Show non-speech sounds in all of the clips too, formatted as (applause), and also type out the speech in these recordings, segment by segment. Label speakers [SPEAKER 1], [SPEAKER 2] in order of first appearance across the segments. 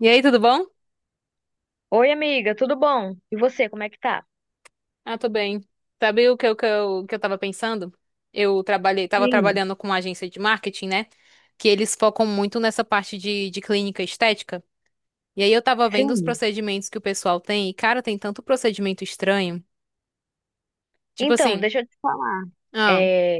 [SPEAKER 1] E aí, tudo bom?
[SPEAKER 2] Oi, amiga, tudo bom? E você, como é que tá?
[SPEAKER 1] Ah, tô bem. Sabe o que eu tava pensando? Tava
[SPEAKER 2] Sim,
[SPEAKER 1] trabalhando com uma agência de marketing, né? Que eles focam muito nessa parte de clínica estética. E aí eu tava vendo os
[SPEAKER 2] sim.
[SPEAKER 1] procedimentos que o pessoal tem, e, cara, tem tanto procedimento estranho. Tipo
[SPEAKER 2] Então,
[SPEAKER 1] assim.
[SPEAKER 2] deixa eu te falar.
[SPEAKER 1] ah,
[SPEAKER 2] É,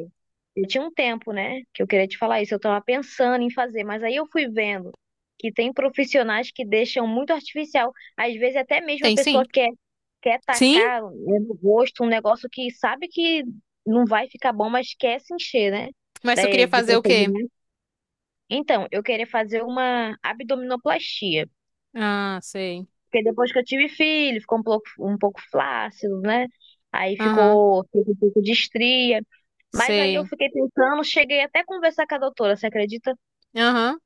[SPEAKER 2] eu tinha um tempo, né, que eu queria te falar isso, eu tava pensando em fazer, mas aí eu fui vendo que tem profissionais que deixam muito artificial. Às vezes até mesmo a
[SPEAKER 1] Tem sim.
[SPEAKER 2] pessoa quer
[SPEAKER 1] Sim?
[SPEAKER 2] tacar né, no rosto um negócio que sabe que não vai ficar bom, mas quer se encher, né,
[SPEAKER 1] Mas tu queria
[SPEAKER 2] de
[SPEAKER 1] fazer o quê?
[SPEAKER 2] procedimento. Então, eu queria fazer uma abdominoplastia.
[SPEAKER 1] Ah, sei.
[SPEAKER 2] Porque depois que eu tive filho, ficou um pouco flácido, né? Aí
[SPEAKER 1] Aham,
[SPEAKER 2] ficou um pouco de estria. Mas aí eu
[SPEAKER 1] sei.
[SPEAKER 2] fiquei pensando, cheguei até a conversar com a doutora, você acredita?
[SPEAKER 1] Aham.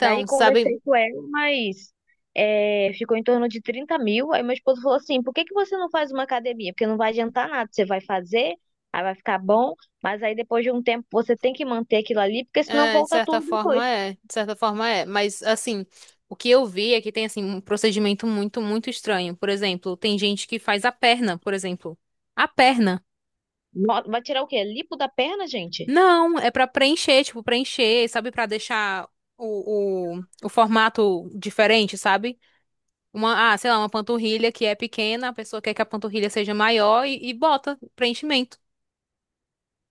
[SPEAKER 2] Daí
[SPEAKER 1] sabe.
[SPEAKER 2] conversei com ela, mas ficou em torno de 30.000. Aí meu esposo falou assim: por que que você não faz uma academia? Porque não vai adiantar nada, você vai fazer, aí vai ficar bom, mas aí depois de um tempo você tem que manter aquilo ali, porque senão
[SPEAKER 1] É, de
[SPEAKER 2] volta
[SPEAKER 1] certa
[SPEAKER 2] tudo depois.
[SPEAKER 1] forma é, de certa forma é, mas assim, o que eu vi é que tem assim um procedimento muito, muito estranho. Por exemplo, tem gente que faz a perna, por exemplo. A perna.
[SPEAKER 2] Vai tirar o quê? Lipo da perna, gente?
[SPEAKER 1] Não, é pra preencher, tipo, preencher, sabe, pra deixar o, o formato diferente, sabe? Uma, ah, sei lá, uma panturrilha que é pequena, a pessoa quer que a panturrilha seja maior e bota preenchimento.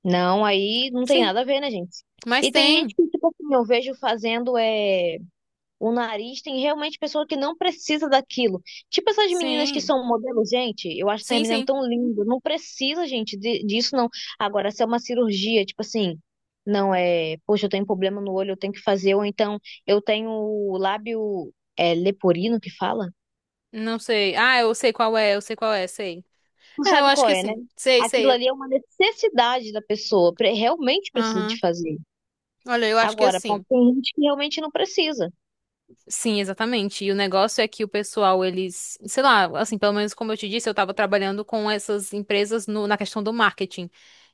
[SPEAKER 2] Não, aí não tem
[SPEAKER 1] Sim,
[SPEAKER 2] nada a ver, né, gente?
[SPEAKER 1] mas
[SPEAKER 2] E tem gente
[SPEAKER 1] tem.
[SPEAKER 2] que, tipo assim, eu vejo fazendo o nariz, tem realmente pessoa que não precisa daquilo. Tipo essas meninas que
[SPEAKER 1] Sim.
[SPEAKER 2] são modelo, gente, eu acho essas
[SPEAKER 1] Sim,
[SPEAKER 2] meninas
[SPEAKER 1] sim.
[SPEAKER 2] tão lindas. Não precisa, gente, disso, não. Agora, se é uma cirurgia, tipo assim, não é, poxa, eu tenho problema no olho, eu tenho que fazer, ou então eu tenho o lábio leporino que fala?
[SPEAKER 1] Não sei. Ah, eu sei qual é, eu sei qual é, sei.
[SPEAKER 2] Não
[SPEAKER 1] É, eu
[SPEAKER 2] sabe
[SPEAKER 1] acho
[SPEAKER 2] qual
[SPEAKER 1] que
[SPEAKER 2] é, né?
[SPEAKER 1] sim. Sei,
[SPEAKER 2] Aquilo
[SPEAKER 1] sei.
[SPEAKER 2] ali é uma necessidade da pessoa, realmente precisa de
[SPEAKER 1] Aham.
[SPEAKER 2] fazer.
[SPEAKER 1] Olha, eu acho que
[SPEAKER 2] Agora,
[SPEAKER 1] assim.
[SPEAKER 2] tem gente que realmente não precisa.
[SPEAKER 1] Sim, exatamente. E o negócio é que o pessoal, eles, sei lá, assim, pelo menos como eu te disse, eu tava trabalhando com essas empresas na questão do marketing.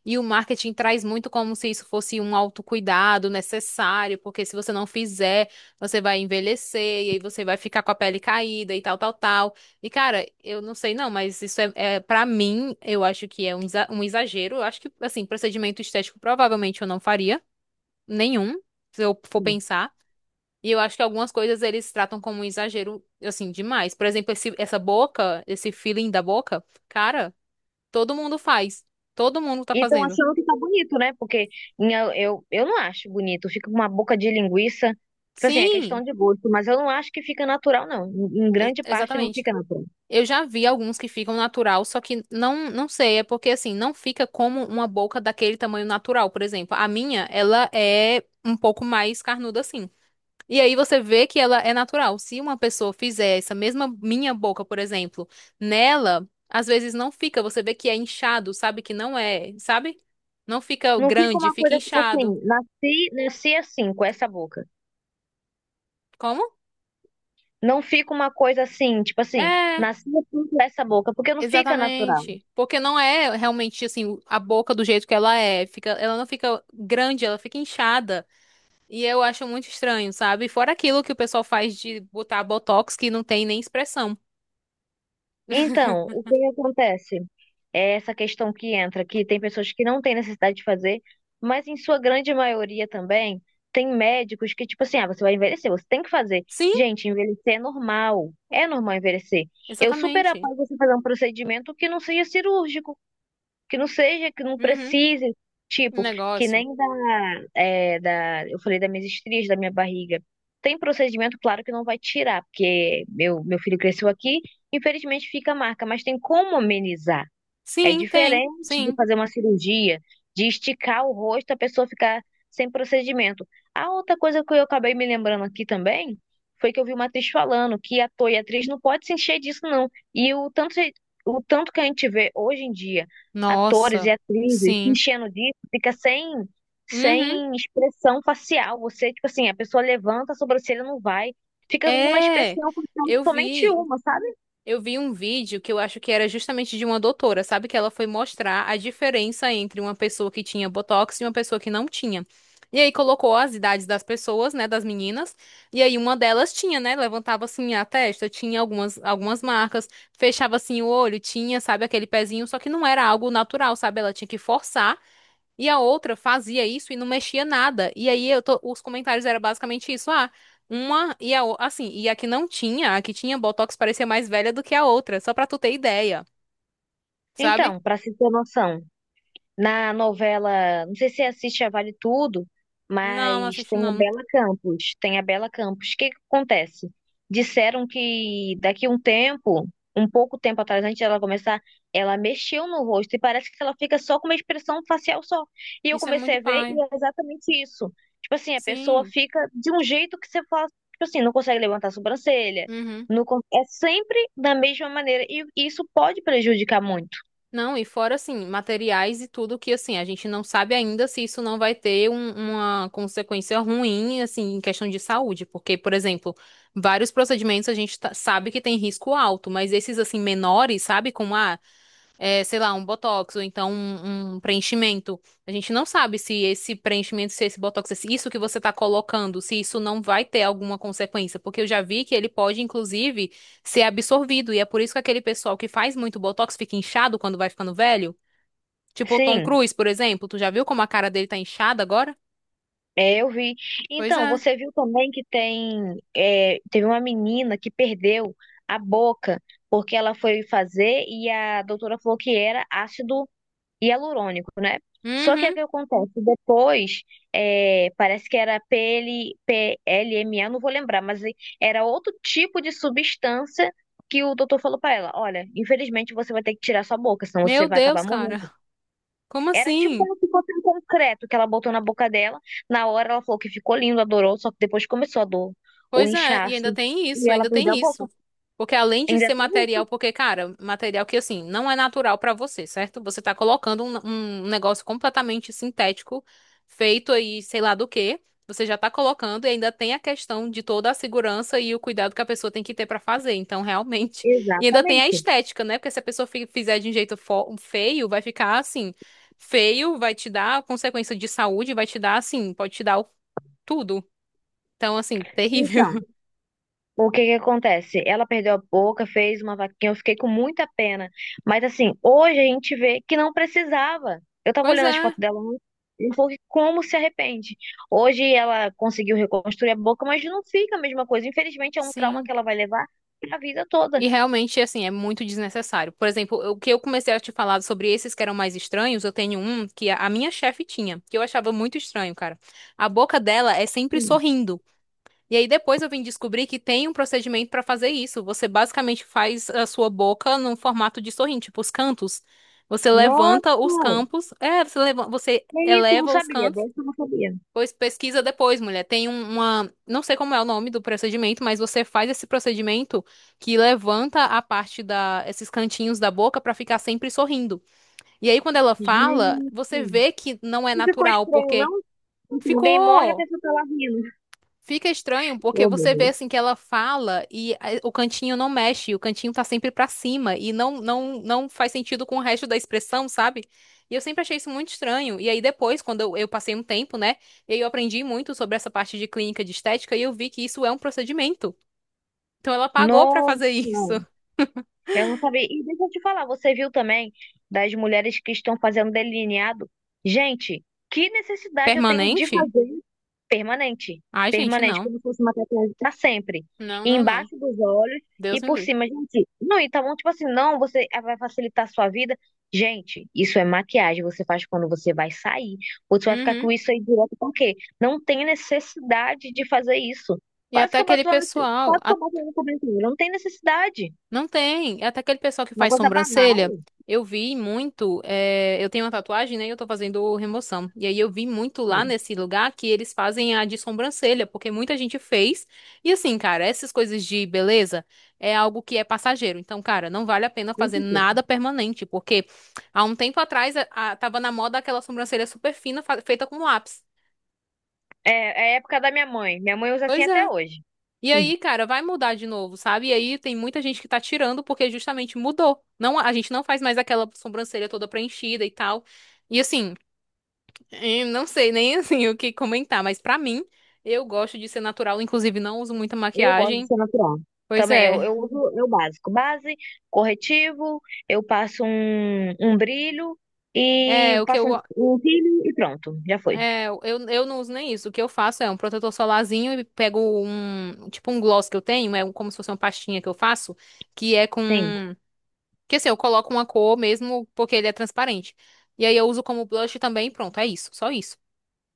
[SPEAKER 1] E o marketing traz muito como se isso fosse um autocuidado necessário, porque se você não fizer, você vai envelhecer, e aí você vai ficar com a pele caída e tal, tal, tal. E, cara, eu não sei não, mas isso é, é para mim, eu acho que é um um exagero. Eu acho que, assim, procedimento estético provavelmente eu não faria nenhum, se eu for pensar. E eu acho que algumas coisas eles tratam como um exagero, assim, demais. Por exemplo, essa boca, esse feeling da boca, cara, todo mundo faz. Todo mundo tá
[SPEAKER 2] E estão
[SPEAKER 1] fazendo.
[SPEAKER 2] achando que tá bonito, né? Porque eu não acho bonito. Fica com uma boca de linguiça. Tipo assim, é questão
[SPEAKER 1] Sim,
[SPEAKER 2] de gosto. Mas eu não acho que fica natural, não. Em grande parte não
[SPEAKER 1] exatamente.
[SPEAKER 2] fica natural.
[SPEAKER 1] Eu já vi alguns que ficam natural, só que não sei, é porque assim, não fica como uma boca daquele tamanho natural, por exemplo. A minha, ela é um pouco mais carnuda assim. E aí você vê que ela é natural. Se uma pessoa fizer essa mesma minha boca, por exemplo, nela, às vezes não fica. Você vê que é inchado, sabe que não é, sabe? Não fica
[SPEAKER 2] Não fica
[SPEAKER 1] grande,
[SPEAKER 2] uma
[SPEAKER 1] fica
[SPEAKER 2] coisa, tipo
[SPEAKER 1] inchado.
[SPEAKER 2] assim, nasci, nasci assim, com essa boca.
[SPEAKER 1] Como?
[SPEAKER 2] Não fica uma coisa assim, tipo assim,
[SPEAKER 1] É,
[SPEAKER 2] nasci assim com essa boca. Porque não fica natural.
[SPEAKER 1] exatamente. Porque não é realmente assim a boca do jeito que ela é. Fica, ela não fica grande, ela fica inchada. E eu acho muito estranho, sabe? Fora aquilo que o pessoal faz de botar botox que não tem nem expressão.
[SPEAKER 2] Então, o que acontece? É essa questão que entra, que tem pessoas que não têm necessidade de fazer, mas em sua grande maioria também tem médicos que, tipo assim, ah, você vai envelhecer, você tem que fazer.
[SPEAKER 1] Sim,
[SPEAKER 2] Gente, envelhecer é normal. É normal envelhecer. Eu super
[SPEAKER 1] exatamente.
[SPEAKER 2] apoio você fazer um procedimento que não seja cirúrgico, que não seja, que não
[SPEAKER 1] Uhum,
[SPEAKER 2] precise,
[SPEAKER 1] um
[SPEAKER 2] tipo, que
[SPEAKER 1] negócio.
[SPEAKER 2] nem da, eu falei das minhas estrias, da minha barriga. Tem procedimento, claro que não vai tirar, porque meu filho cresceu aqui, infelizmente fica a marca, mas tem como amenizar. É
[SPEAKER 1] Sim, tem,
[SPEAKER 2] diferente de
[SPEAKER 1] sim.
[SPEAKER 2] fazer uma cirurgia, de esticar o rosto, a pessoa ficar sem procedimento. A outra coisa que eu acabei me lembrando aqui também foi que eu vi uma atriz falando que ator e atriz não pode se encher disso, não. E o tanto que a gente vê hoje em dia, atores e
[SPEAKER 1] Nossa,
[SPEAKER 2] atrizes se
[SPEAKER 1] sim.
[SPEAKER 2] enchendo disso, fica sem,
[SPEAKER 1] Uhum.
[SPEAKER 2] sem expressão facial. Você, tipo assim, a pessoa levanta a sobrancelha, não vai. Fica com uma
[SPEAKER 1] É,
[SPEAKER 2] expressão facial,
[SPEAKER 1] eu
[SPEAKER 2] somente
[SPEAKER 1] vi,
[SPEAKER 2] uma, sabe?
[SPEAKER 1] eu vi um vídeo que eu acho que era justamente de uma doutora, sabe? Que ela foi mostrar a diferença entre uma pessoa que tinha botox e uma pessoa que não tinha. E aí colocou as idades das pessoas, né, das meninas, e aí uma delas tinha, né, levantava assim a testa, tinha algumas marcas, fechava assim o olho, tinha, sabe, aquele pezinho, só que não era algo natural, sabe? Ela tinha que forçar. E a outra fazia isso e não mexia nada. E aí os comentários eram basicamente isso. Ah, uma e a outra. Assim, e a que não tinha, a que tinha Botox parecia mais velha do que a outra. Só pra tu ter ideia, sabe?
[SPEAKER 2] Então, para se ter noção. Na novela, não sei se você assiste a Vale Tudo,
[SPEAKER 1] Não, não
[SPEAKER 2] mas
[SPEAKER 1] assisto
[SPEAKER 2] tem a
[SPEAKER 1] não.
[SPEAKER 2] Bela Campos. Tem a Bela Campos. O que que acontece? Disseram que daqui a um tempo, um pouco tempo atrás, antes dela começar, ela mexeu no rosto e parece que ela fica só com uma expressão facial só. E eu
[SPEAKER 1] Isso é
[SPEAKER 2] comecei
[SPEAKER 1] muito
[SPEAKER 2] a ver
[SPEAKER 1] pai.
[SPEAKER 2] e é exatamente isso. Tipo assim, a pessoa
[SPEAKER 1] Sim.
[SPEAKER 2] fica de um jeito que você fala, tipo assim, não consegue levantar a sobrancelha.
[SPEAKER 1] Uhum.
[SPEAKER 2] Não, é sempre da mesma maneira. E isso pode prejudicar muito.
[SPEAKER 1] Não, e fora assim, materiais e tudo que assim, a gente não sabe ainda se isso não vai ter uma consequência ruim, assim, em questão de saúde. Porque, por exemplo, vários procedimentos a gente sabe que tem risco alto, mas esses assim menores, sabe, como a é, sei lá, um botox ou então um preenchimento. A gente não sabe se esse preenchimento, se esse botox, se isso que você está colocando, se isso não vai ter alguma consequência, porque eu já vi que ele pode, inclusive, ser absorvido, e é por isso que aquele pessoal que faz muito botox fica inchado quando vai ficando velho. Tipo o Tom
[SPEAKER 2] Sim.
[SPEAKER 1] Cruise, por exemplo, tu já viu como a cara dele tá inchada agora?
[SPEAKER 2] É, eu vi.
[SPEAKER 1] Pois
[SPEAKER 2] Então,
[SPEAKER 1] é.
[SPEAKER 2] você viu também que tem, teve uma menina que perdeu a boca porque ela foi fazer e a doutora falou que era ácido hialurônico, né? Só que o
[SPEAKER 1] Uhum.
[SPEAKER 2] que acontece? Depois, parece que era PPLPLMA, não vou lembrar, mas era outro tipo de substância que o doutor falou para ela: olha, infelizmente você vai ter que tirar sua boca, senão você
[SPEAKER 1] Meu
[SPEAKER 2] vai acabar
[SPEAKER 1] Deus, cara.
[SPEAKER 2] morrendo.
[SPEAKER 1] (laughs) Como
[SPEAKER 2] Era tipo
[SPEAKER 1] assim?
[SPEAKER 2] como se fosse um concreto que ela botou na boca dela. Na hora ela falou que ficou lindo, adorou, só que depois começou a dor, o
[SPEAKER 1] Pois é, e ainda
[SPEAKER 2] inchaço.
[SPEAKER 1] tem
[SPEAKER 2] E
[SPEAKER 1] isso,
[SPEAKER 2] ela
[SPEAKER 1] ainda
[SPEAKER 2] perdeu
[SPEAKER 1] tem
[SPEAKER 2] a boca.
[SPEAKER 1] isso. Porque além de
[SPEAKER 2] Ainda
[SPEAKER 1] ser
[SPEAKER 2] tem
[SPEAKER 1] material,
[SPEAKER 2] isso?
[SPEAKER 1] porque, cara, material que assim, não é natural pra você, certo? Você tá colocando um negócio completamente sintético, feito aí, sei lá do quê. Você já tá colocando e ainda tem a questão de toda a segurança e o cuidado que a pessoa tem que ter pra fazer. Então, realmente. E ainda tem a
[SPEAKER 2] Exatamente.
[SPEAKER 1] estética, né? Porque se a pessoa fizer de um jeito feio, vai ficar assim. Feio, vai te dar consequência de saúde, vai te dar assim, pode te dar tudo. Então, assim, (laughs) terrível.
[SPEAKER 2] Então, o que que acontece? Ela perdeu a boca, fez uma vaquinha, eu fiquei com muita pena. Mas assim, hoje a gente vê que não precisava. Eu tava
[SPEAKER 1] Pois
[SPEAKER 2] olhando as
[SPEAKER 1] é,
[SPEAKER 2] fotos dela ontem, e falou que como se arrepende. Hoje ela conseguiu reconstruir a boca, mas não fica a mesma coisa. Infelizmente é um trauma
[SPEAKER 1] sim.
[SPEAKER 2] que ela vai levar a vida toda.
[SPEAKER 1] E realmente, assim, é muito desnecessário. Por exemplo, o que eu comecei a te falar sobre esses que eram mais estranhos, eu tenho um que a minha chefe tinha, que eu achava muito estranho, cara. A boca dela é sempre sorrindo. E aí depois eu vim descobrir que tem um procedimento pra fazer isso. Você basicamente faz a sua boca num formato de sorrindo, tipo os cantos. Você
[SPEAKER 2] Nossa,
[SPEAKER 1] levanta os campos, é, você leva, você
[SPEAKER 2] é isso, eu não
[SPEAKER 1] eleva os
[SPEAKER 2] sabia,
[SPEAKER 1] cantos.
[SPEAKER 2] dessa eu não sabia.
[SPEAKER 1] Pois pesquisa depois, mulher. Tem uma, não sei como é o nome do procedimento, mas você faz esse procedimento que levanta a parte da, esses cantinhos da boca pra ficar sempre sorrindo. E aí quando ela fala,
[SPEAKER 2] Gente,
[SPEAKER 1] você vê que não é
[SPEAKER 2] não ficou
[SPEAKER 1] natural,
[SPEAKER 2] estranho,
[SPEAKER 1] porque
[SPEAKER 2] não? Tipo, alguém morre, a
[SPEAKER 1] ficou.
[SPEAKER 2] pessoa tá lá rindo.
[SPEAKER 1] Fica estranho porque
[SPEAKER 2] Oh, meu
[SPEAKER 1] você vê
[SPEAKER 2] Deus.
[SPEAKER 1] assim que ela fala e o cantinho não mexe, o cantinho tá sempre pra cima e não faz sentido com o resto da expressão, sabe? E eu sempre achei isso muito estranho. E aí depois, quando eu passei um tempo, né, e aí eu aprendi muito sobre essa parte de clínica de estética e eu vi que isso é um procedimento. Então ela pagou pra
[SPEAKER 2] Nossa,
[SPEAKER 1] fazer (laughs) isso.
[SPEAKER 2] eu não sabia. E deixa eu te falar, você viu também das mulheres que estão fazendo delineado? Gente, que necessidade eu tenho de
[SPEAKER 1] Permanente?
[SPEAKER 2] fazer? Permanente.
[SPEAKER 1] Ai, gente,
[SPEAKER 2] Permanente,
[SPEAKER 1] não.
[SPEAKER 2] como se fosse uma tatuagem para sempre.
[SPEAKER 1] Não,
[SPEAKER 2] E
[SPEAKER 1] não, não.
[SPEAKER 2] embaixo dos olhos e
[SPEAKER 1] Deus me
[SPEAKER 2] por
[SPEAKER 1] livre.
[SPEAKER 2] cima, gente. Não, então, tipo assim, não, você vai facilitar a sua vida. Gente, isso é maquiagem. Você faz quando você vai sair. Ou você vai ficar
[SPEAKER 1] Uhum.
[SPEAKER 2] com isso aí direto porque não tem necessidade de fazer isso.
[SPEAKER 1] E
[SPEAKER 2] Quase
[SPEAKER 1] até
[SPEAKER 2] que eu
[SPEAKER 1] aquele
[SPEAKER 2] boto lá no,
[SPEAKER 1] pessoal.
[SPEAKER 2] quase que eu boto lá no comentário. Não tem necessidade.
[SPEAKER 1] Não tem. É. Até aquele pessoal que
[SPEAKER 2] Uma
[SPEAKER 1] faz
[SPEAKER 2] coisa banal.
[SPEAKER 1] sobrancelha, eu vi muito. Eu tenho uma tatuagem, né? E eu tô fazendo remoção. E aí eu vi muito lá
[SPEAKER 2] Sim,
[SPEAKER 1] nesse lugar que eles fazem a de sobrancelha, porque muita gente fez. E assim, cara, essas coisas de beleza é algo que é passageiro. Então, cara, não vale a pena
[SPEAKER 2] com
[SPEAKER 1] fazer
[SPEAKER 2] certeza.
[SPEAKER 1] nada permanente, porque há um tempo atrás tava na moda aquela sobrancelha super fina feita com lápis.
[SPEAKER 2] É, é a época da minha mãe. Minha mãe usa assim
[SPEAKER 1] Pois
[SPEAKER 2] até
[SPEAKER 1] é.
[SPEAKER 2] hoje.
[SPEAKER 1] E aí,
[SPEAKER 2] (laughs)
[SPEAKER 1] cara, vai mudar de novo, sabe? E aí tem muita gente que tá tirando porque justamente mudou. Não, a gente não faz mais aquela sobrancelha toda preenchida e tal. E assim, não sei nem (laughs) assim o que comentar, mas pra mim, eu gosto de ser natural, inclusive não uso muita
[SPEAKER 2] Eu gosto de
[SPEAKER 1] maquiagem.
[SPEAKER 2] ser natural.
[SPEAKER 1] Pois
[SPEAKER 2] Também,
[SPEAKER 1] é.
[SPEAKER 2] eu uso eu básico. Base, corretivo, eu passo um brilho e
[SPEAKER 1] É, o que eu
[SPEAKER 2] passo um cílio e pronto, já foi.
[SPEAKER 1] é, eu, eu não uso nem isso. O que eu faço é um protetor solarzinho e pego um, tipo um gloss que eu tenho, é como se fosse uma pastinha que eu faço, que é com.
[SPEAKER 2] Sim.
[SPEAKER 1] Que assim, eu coloco uma cor mesmo porque ele é transparente. E aí eu uso como blush também, pronto, é isso, só isso.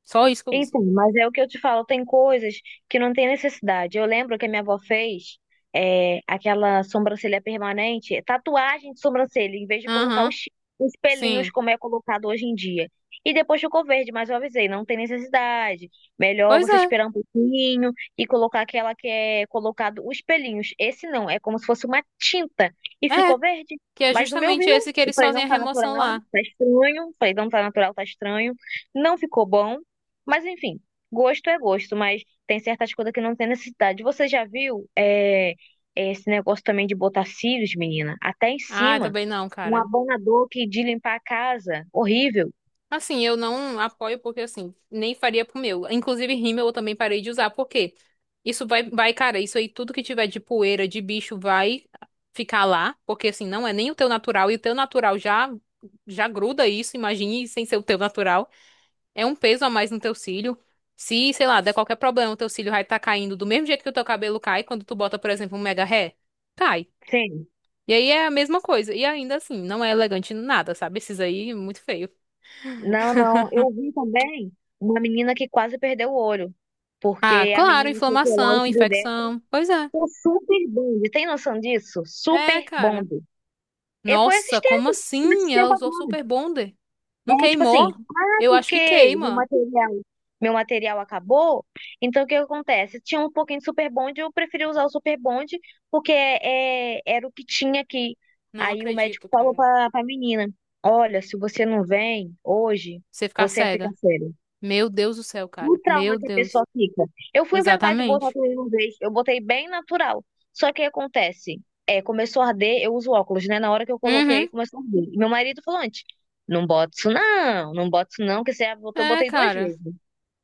[SPEAKER 1] Só isso que eu uso.
[SPEAKER 2] Então, mas é o que eu te falo, tem coisas que não tem necessidade. Eu lembro que a minha avó fez aquela sobrancelha permanente, tatuagem de sobrancelha, em vez de colocar os,
[SPEAKER 1] Aham,
[SPEAKER 2] os pelinhos
[SPEAKER 1] sim.
[SPEAKER 2] como é colocado hoje em dia. E depois ficou verde, mas eu avisei, não tem necessidade. Melhor
[SPEAKER 1] Pois
[SPEAKER 2] você
[SPEAKER 1] é,
[SPEAKER 2] esperar um pouquinho e colocar aquela que é colocado os pelinhos. Esse não, é como se fosse uma tinta e
[SPEAKER 1] é,
[SPEAKER 2] ficou verde.
[SPEAKER 1] que é
[SPEAKER 2] Mas no meu viu,
[SPEAKER 1] justamente esse que
[SPEAKER 2] eu
[SPEAKER 1] eles
[SPEAKER 2] falei,
[SPEAKER 1] fazem
[SPEAKER 2] não
[SPEAKER 1] a
[SPEAKER 2] tá
[SPEAKER 1] remoção
[SPEAKER 2] natural,
[SPEAKER 1] lá.
[SPEAKER 2] tá estranho. Falei, não tá natural, tá estranho. Não ficou bom. Mas enfim, gosto é gosto, mas tem certas coisas que não tem necessidade. Você já viu esse negócio também de botar cílios, menina? Até em
[SPEAKER 1] Ah,
[SPEAKER 2] cima,
[SPEAKER 1] também não,
[SPEAKER 2] um
[SPEAKER 1] cara.
[SPEAKER 2] abanador que de limpar a casa, horrível.
[SPEAKER 1] Assim, eu não apoio porque assim, nem faria pro meu. Inclusive, rímel eu também parei de usar, porque isso vai, cara, isso aí tudo que tiver de poeira, de bicho vai ficar lá, porque assim, não é nem o teu natural e o teu natural já gruda isso, imagine sem ser o teu natural. É um peso a mais no teu cílio. Se, sei lá, der qualquer problema, o teu cílio vai estar caindo do mesmo jeito que o teu cabelo cai quando tu bota, por exemplo, um mega ré. Cai.
[SPEAKER 2] Sim.
[SPEAKER 1] E aí é a mesma coisa. E ainda assim, não é elegante nada, sabe? Esses aí, muito feio.
[SPEAKER 2] Não, não. Eu vi também uma menina que quase perdeu o olho,
[SPEAKER 1] Ah,
[SPEAKER 2] porque a
[SPEAKER 1] claro,
[SPEAKER 2] menina foi colar o
[SPEAKER 1] inflamação,
[SPEAKER 2] cílio dela.
[SPEAKER 1] infecção. Pois é.
[SPEAKER 2] O super bonde, tem noção disso?
[SPEAKER 1] É,
[SPEAKER 2] Super
[SPEAKER 1] cara.
[SPEAKER 2] bonde. E foi
[SPEAKER 1] Nossa, como
[SPEAKER 2] esses
[SPEAKER 1] assim? Ela
[SPEAKER 2] tempos
[SPEAKER 1] usou
[SPEAKER 2] agora.
[SPEAKER 1] Super Bonder. Não
[SPEAKER 2] Tipo assim,
[SPEAKER 1] queimou? Eu acho que
[SPEAKER 2] porque meu
[SPEAKER 1] queima.
[SPEAKER 2] material, meu material acabou. Então, o que acontece? Tinha um pouquinho de Super Bond, eu preferi usar o Super Bond, porque era o que tinha aqui.
[SPEAKER 1] Não
[SPEAKER 2] Aí o médico
[SPEAKER 1] acredito,
[SPEAKER 2] falou
[SPEAKER 1] cara.
[SPEAKER 2] pra menina: olha, se você não vem hoje,
[SPEAKER 1] Você ficar
[SPEAKER 2] você fica
[SPEAKER 1] cega.
[SPEAKER 2] sério
[SPEAKER 1] Meu Deus do céu,
[SPEAKER 2] o
[SPEAKER 1] cara. Meu
[SPEAKER 2] trauma que a
[SPEAKER 1] Deus.
[SPEAKER 2] pessoa fica. Eu fui inventar de botar
[SPEAKER 1] Exatamente.
[SPEAKER 2] tudo de uma vez, eu botei bem natural. Só que o que acontece? Começou a arder, eu uso óculos, né? Na hora que eu coloquei,
[SPEAKER 1] Uhum.
[SPEAKER 2] começou a arder. E meu marido falou antes, não bota isso não, não bota isso não, que você botou,
[SPEAKER 1] É,
[SPEAKER 2] botei duas
[SPEAKER 1] cara.
[SPEAKER 2] vezes.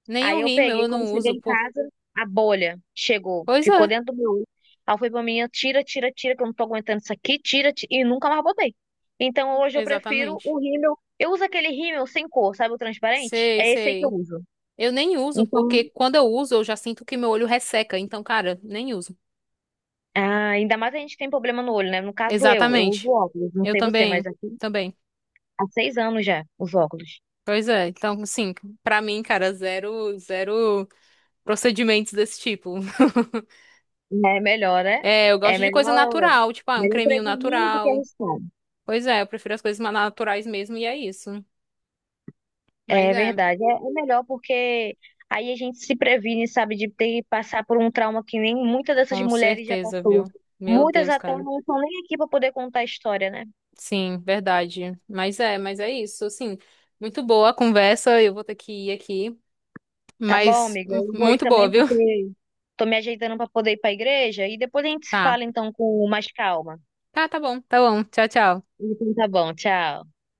[SPEAKER 1] Nem o
[SPEAKER 2] Aí eu
[SPEAKER 1] rímel
[SPEAKER 2] peguei,
[SPEAKER 1] eu
[SPEAKER 2] quando
[SPEAKER 1] não
[SPEAKER 2] cheguei
[SPEAKER 1] uso,
[SPEAKER 2] em
[SPEAKER 1] por...
[SPEAKER 2] casa, a bolha chegou,
[SPEAKER 1] Pois
[SPEAKER 2] ficou
[SPEAKER 1] é,
[SPEAKER 2] dentro do meu olho. Aí foi pra mim, tira, tira, tira, que eu não tô aguentando isso aqui, tira, tira, e nunca mais botei. Então hoje eu prefiro
[SPEAKER 1] exatamente.
[SPEAKER 2] o rímel, eu uso aquele rímel sem cor, sabe o transparente?
[SPEAKER 1] Sei,
[SPEAKER 2] É esse aí que eu
[SPEAKER 1] sei.
[SPEAKER 2] uso.
[SPEAKER 1] Eu nem uso,
[SPEAKER 2] Então.
[SPEAKER 1] porque quando eu uso, eu já sinto que meu olho resseca. Então, cara, nem uso.
[SPEAKER 2] Ah, ainda mais a gente que tem problema no olho, né? No caso eu, uso
[SPEAKER 1] Exatamente.
[SPEAKER 2] óculos, não
[SPEAKER 1] Eu
[SPEAKER 2] sei você, mas
[SPEAKER 1] também,
[SPEAKER 2] aqui
[SPEAKER 1] também.
[SPEAKER 2] há 6 anos já, os óculos.
[SPEAKER 1] Pois é. Então, assim, pra mim, cara, zero, zero procedimentos desse tipo. (laughs)
[SPEAKER 2] É melhor, né?
[SPEAKER 1] É, eu
[SPEAKER 2] É
[SPEAKER 1] gosto de coisa
[SPEAKER 2] melhor,
[SPEAKER 1] natural, tipo, ah, um
[SPEAKER 2] melhor
[SPEAKER 1] creminho
[SPEAKER 2] prevenir do que
[SPEAKER 1] natural.
[SPEAKER 2] arriscar.
[SPEAKER 1] Pois é, eu prefiro as coisas mais naturais mesmo, e é isso. Mas
[SPEAKER 2] É
[SPEAKER 1] é,
[SPEAKER 2] verdade, é melhor porque aí a gente se previne, sabe, de ter que passar por um trauma que nem muitas dessas
[SPEAKER 1] com
[SPEAKER 2] mulheres já
[SPEAKER 1] certeza, viu?
[SPEAKER 2] passou.
[SPEAKER 1] Meu
[SPEAKER 2] Muitas
[SPEAKER 1] Deus,
[SPEAKER 2] até
[SPEAKER 1] cara.
[SPEAKER 2] não estão nem aqui para poder contar a história, né?
[SPEAKER 1] Sim, verdade. Mas é isso. Assim, muito boa a conversa. Eu vou ter que ir aqui,
[SPEAKER 2] Tá bom,
[SPEAKER 1] mas
[SPEAKER 2] amiga, eu vou ir
[SPEAKER 1] muito boa,
[SPEAKER 2] também
[SPEAKER 1] viu?
[SPEAKER 2] porque
[SPEAKER 1] (laughs)
[SPEAKER 2] tô me ajeitando para poder ir para a igreja e depois a gente se
[SPEAKER 1] Tá.
[SPEAKER 2] fala então com mais calma.
[SPEAKER 1] Tá, tá bom. Tá bom. Tchau, tchau.
[SPEAKER 2] Então tá bom, tchau.